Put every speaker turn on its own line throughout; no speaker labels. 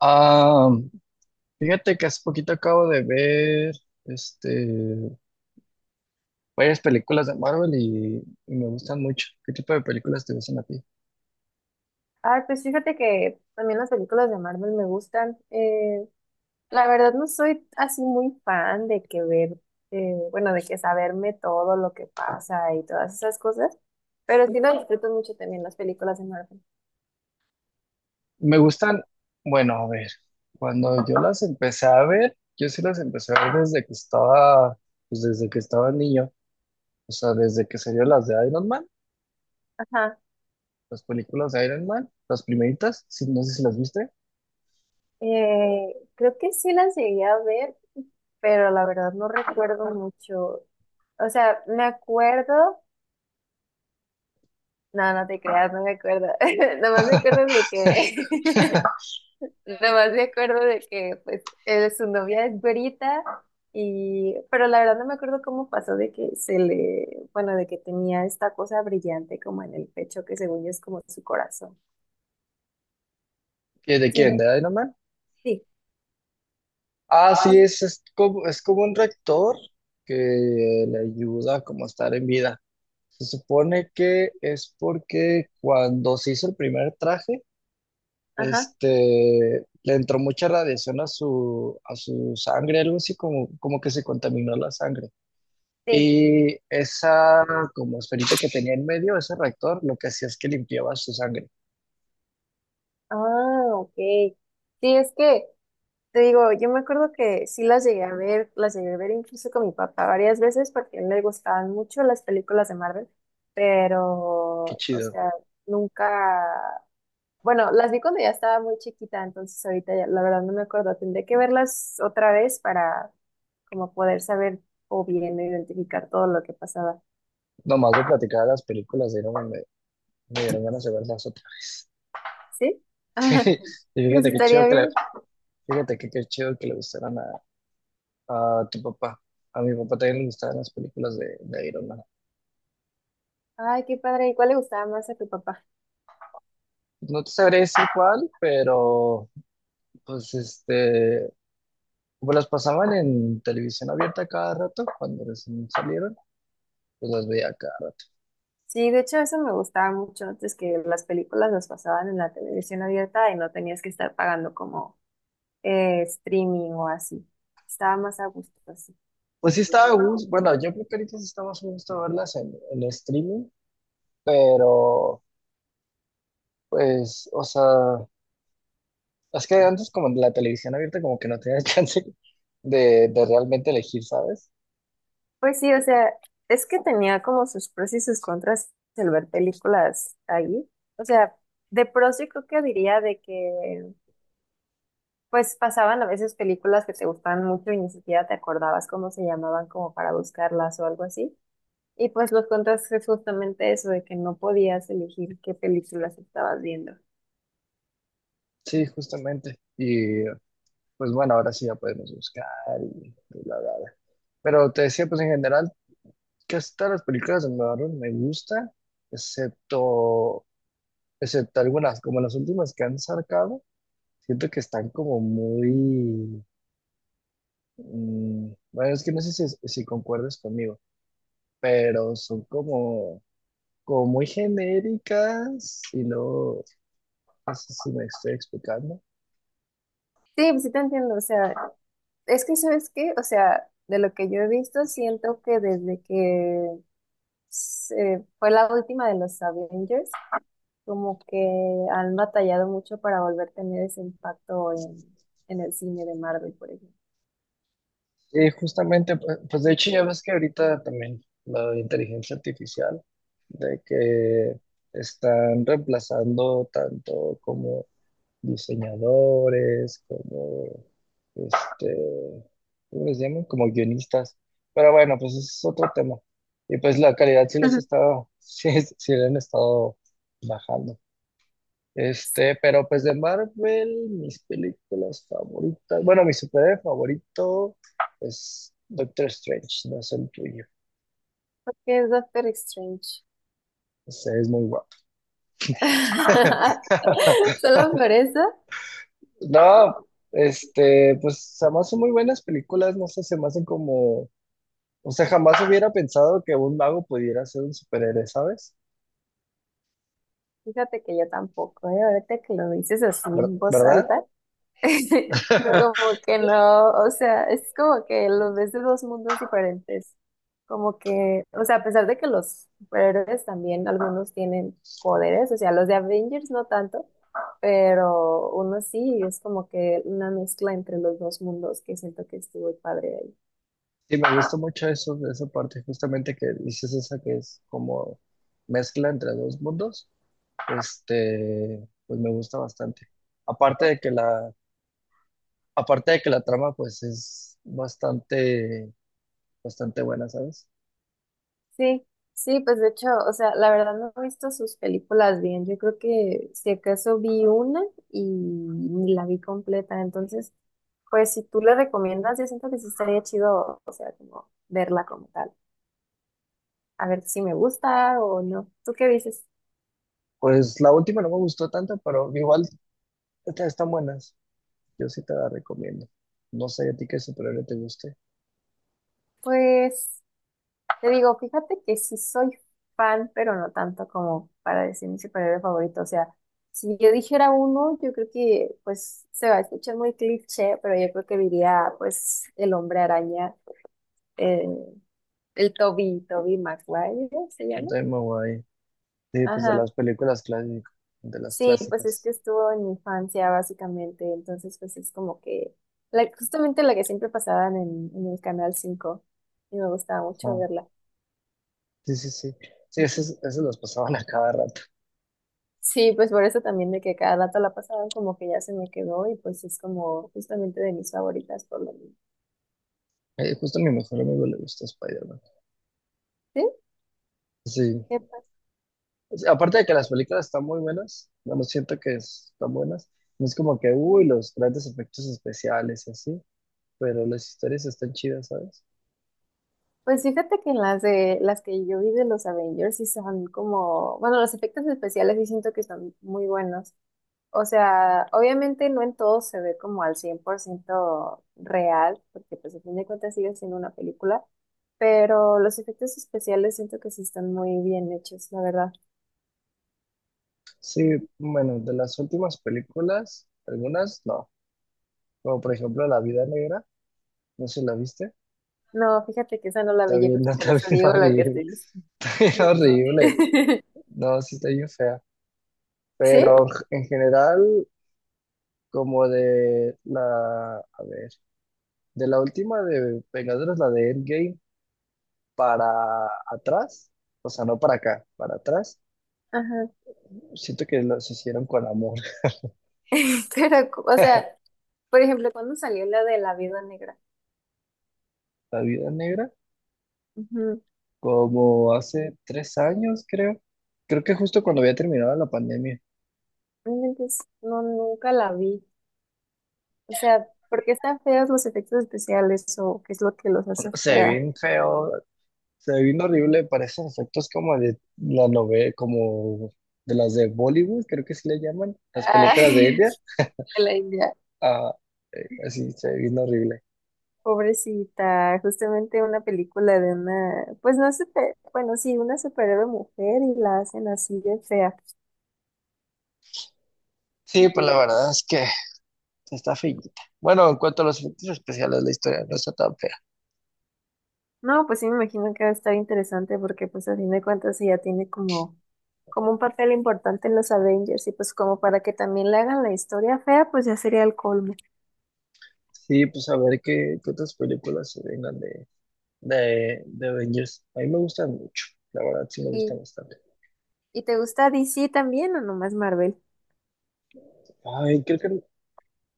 Ah, fíjate que hace poquito acabo de ver este, varias películas de Marvel y me gustan mucho. ¿Qué tipo de películas te gustan a ti?
Ay, pues fíjate que también las películas de Marvel me gustan. La verdad no soy así muy fan de que ver, bueno, de que saberme todo lo que pasa y todas esas cosas, pero sí lo disfruto mucho también las películas de Marvel.
Me gustan, bueno, a ver, cuando yo las empecé a ver, yo sí las empecé a ver pues desde que estaba niño, o sea, desde que salieron las de Iron Man,
Ajá.
las películas de Iron Man, las primeritas, sí, no sé si las viste.
Creo que sí las llegué a ver, pero la verdad no recuerdo mucho. O sea, me acuerdo, no te creas, no me acuerdo. Nada más me acuerdo de que nada más me acuerdo de que pues su novia es güerita y pero la verdad no me acuerdo cómo pasó de que se le, bueno, de que tenía esta cosa brillante como en el pecho que según yo es como su corazón.
¿Y ¿De
Sí,
quién?
no,
¿De Iron Man?
sí.
Ah, sí, es como un rector que le ayuda como a estar en vida. Se supone que es porque cuando se hizo el primer traje,
Ajá,
le entró mucha radiación a su sangre, algo así como que se contaminó la sangre.
sí.
Y esa como esferita que tenía en medio, ese rector, lo que hacía es que limpiaba su sangre.
Ah, ok. Sí, es que te digo, yo me acuerdo que sí las llegué a ver, las llegué a ver incluso con mi papá varias veces porque a él le gustaban mucho las películas de Marvel,
Qué
pero, o
chido.
sea, nunca. Bueno, las vi cuando ya estaba muy chiquita, entonces ahorita ya, la verdad no me acuerdo. Tendré que verlas otra vez para como poder saber o bien identificar todo lo que pasaba.
Nomás de platicar de las películas, de ahí no me, me dieron ganas de verlas otras.
¿Sí? Ajá.
Y
Pues
fíjate qué chido.
estaría bien.
Fíjate que qué chido que le gustaran a tu papá. A mi papá también le gustaban las películas de Iron Man.
Ay, qué padre. ¿Y cuál le gustaba más a tu papá?
No te sabré decir cuál, pero pues como las pasaban en televisión abierta cada rato, cuando recién salieron, pues las veía acá.
Sí, de hecho eso me gustaba mucho antes que las películas las pasaban en la televisión abierta y no tenías que estar pagando como streaming o así. Estaba más a gusto así.
Pues sí estaba a gusto, bueno, yo creo que ahorita sí está más a gusto verlas en streaming, pero pues, o sea, es que antes como en la televisión abierta como que no tenías chance de realmente elegir, ¿sabes?
Pues sí, o sea, es que tenía como sus pros y sus contras el ver películas ahí. O sea, de pros yo creo que diría de que pues pasaban a veces películas que te gustaban mucho y ni siquiera te acordabas cómo se llamaban como para buscarlas o algo así. Y pues los contras es justamente eso de que no podías elegir qué películas estabas viendo.
Sí, justamente. Y pues bueno, ahora sí ya podemos buscar y y bla, bla, bla. Pero te decía, pues en general, casi todas las películas de Marvel me gustan, excepto, excepto algunas, como las últimas que han sacado, siento que están como muy... bueno, es que no sé si concuerdas conmigo, pero son como, como muy genéricas y no sé si me estoy explicando.
Sí, pues sí te entiendo, o sea, es que ¿sabes qué? O sea, de lo que yo he visto siento que desde que fue la última de los Avengers como que han batallado mucho para volver a tener ese impacto en el cine de Marvel, por ejemplo.
Y justamente, pues, de hecho ya ves que ahorita también la inteligencia artificial, de que están reemplazando tanto como diseñadores, este, ¿cómo les llaman? Como guionistas. Pero bueno, pues ese es otro tema. Y pues la calidad sí les ha estado, sí le han estado bajando. Pero pues de Marvel, mis películas favoritas. Bueno, mi superhéroe favorito es Doctor Strange, no es el tuyo.
Porque es Doctor Strange.
Ese es muy guapo.
Solo por eso,
No, este, pues además son muy buenas películas, no sé, se me hacen como. O sea, jamás hubiera pensado que un mago pudiera ser un superhéroe, ¿sabes?
fíjate que yo tampoco, ¿eh? Ahorita que lo dices así en voz
¿Verdad?
alta, como que no, o sea, es como que lo ves de dos mundos diferentes. Como que, o sea, a pesar de que los superhéroes también algunos tienen poderes, o sea, los de Avengers no tanto, pero uno sí, es como que una mezcla entre los dos mundos que siento que estuvo padre ahí.
Sí, me gusta mucho eso, de esa parte, justamente que dices esa que es como mezcla entre dos mundos. Pues me gusta bastante. Aparte de que la, aparte de que la trama, pues es bastante, bastante buena, ¿sabes?
Sí, sí, pues de hecho, o sea, la verdad no he visto sus películas bien, yo creo que si acaso vi una y ni la vi completa, entonces, pues si tú le recomiendas, yo siento que sí estaría chido, o sea, como verla como tal, a ver si me gusta o no. ¿Tú qué dices?
Pues la última no me gustó tanto, pero igual estas están buenas. Yo sí te la recomiendo. No sé a ti qué superhéroe te guste.
Pues te digo, fíjate que sí soy fan, pero no tanto como para decir mi superhéroe favorito. O sea, si yo dijera uno, yo creo que pues se va a escuchar muy cliché, pero yo creo que diría pues el hombre araña, eh, el Toby, Toby Maguire, ¿se llama?
Entonces me voy. Sí, pues de
Ajá.
las películas clásicas, de las
Sí, pues es
clásicas.
que estuvo en mi infancia básicamente, entonces pues es como que la, justamente la que siempre pasaban en el Canal 5 y me gustaba
Ajá.
mucho verla.
Sí, sí, sí. Sí, esas las pasaban a cada rato.
Sí, pues por eso también de que cada dato la pasaban como que ya se me quedó y pues es como justamente de mis favoritas por lo mismo.
Justo a mi mejor amigo le gusta Spider-Man.
Sí,
Sí.
qué padre.
O sea, aparte de que las películas están muy buenas, bueno, siento que están buenas. No es como que, uy, los grandes efectos especiales y así, pero las historias están chidas, ¿sabes?
Pues fíjate que en las de las que yo vi de los Avengers sí son como, bueno, los efectos especiales sí siento que son muy buenos. O sea, obviamente no en todo se ve como al 100% real, porque pues a fin de cuentas sigue siendo una película, pero los efectos especiales siento que sí están muy bien hechos, la verdad.
Sí, bueno, de las últimas películas, algunas no. Como por ejemplo La Vida Negra, no sé si la viste.
No, fíjate que esa no la
Está
vi, yo creo
bien,
que
no,
por
está
eso
bien
digo lo que
horrible.
estoy
Es horrible. No, sí está bien fea.
¿Sí?
Pero en general, a ver, de la última de Vengadores, la de Endgame. Para atrás, o sea, no para acá, para atrás.
Ajá.
Siento que los hicieron con amor.
Pero, o sea, por ejemplo, ¿cuando salió la de la vida negra?
La vida negra,
Ujú.
como hace tres años, creo. Creo que justo cuando había terminado la pandemia.
Realmente no, nunca la vi. O sea, ¿por qué están feos los efectos especiales o qué es lo que los
No,
hace
Se ve
fea?
bien feo, se ve bien horrible, parecen efectos como de la novela, como de las de Bollywood, creo que sí le llaman, las películas de
Ay,
India.
de la India.
Ah, así se ve bien horrible.
Pobrecita, justamente una película de una, pues no sé, bueno, sí, una superhéroe mujer y la hacen así de fea.
Sí, pues la verdad es que está feillita. Bueno, en cuanto a los efectos especiales, la historia no está tan fea.
No, pues sí me imagino que va a estar interesante porque pues a fin de cuentas ella tiene como como un papel importante en los Avengers y pues como para que también le hagan la historia fea, pues ya sería el colmo.
Sí, pues a ver qué otras películas se vengan de Avengers. A mí me gustan mucho, la verdad sí me gustan
¿Y,
bastante.
y te gusta DC también o nomás Marvel?
Ay,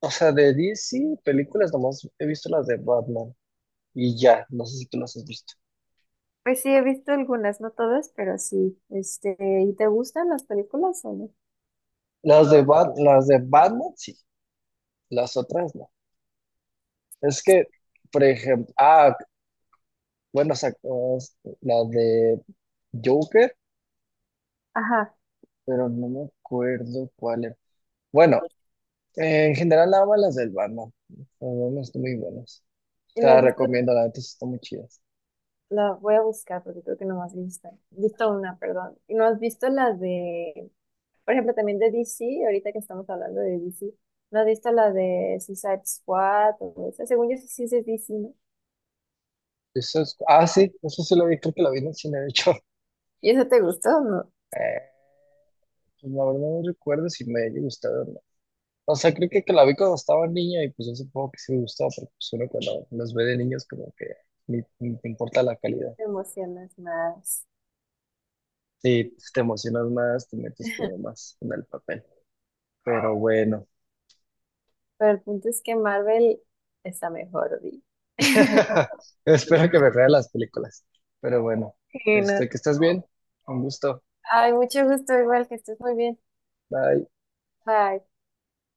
o sea, de DC películas nomás he visto las de Batman y ya, no sé si tú las has visto.
Pues sí, he visto algunas, no todas, pero sí. Este, ¿y te gustan las películas o no?
Las de Batman sí, las otras no. Es que, por ejemplo, la de Joker,
Ajá.
pero no me acuerdo cuál era. Bueno, eh, en general, nada más las del Batman. Las del Batman están muy buenas.
¿Y
Te
no has
las
visto,
recomiendo, la neta, sí están muy chidas.
la voy a buscar porque creo que no has visto, una, perdón. ¿Y no has visto las de, por ejemplo, también de DC, ahorita que estamos hablando de DC, ¿no has visto la de Suicide Squad o esa? Según yo sí, sí es de DC, ¿no?
Sí, eso sí lo vi, creo que lo vi en el cine, de hecho.
¿Y esa te gustó o no?
Eh, pues la verdad no recuerdo si me haya gustado o no. O sea, creo que la vi cuando estaba niña y pues yo supongo que sí me gustó, pero pues uno cuando los ve de niños como que ni te importa la calidad.
Te emocionas más.
Sí, pues, te emocionas más, te metes como más en el papel. Pero bueno,
Pero el punto es que Marvel está mejor, vi.
espero que me vean las películas. Pero bueno,
Sí, no.
que estés bien, un gusto.
Ay, mucho gusto, igual que estés muy bien.
Bye.
Bye.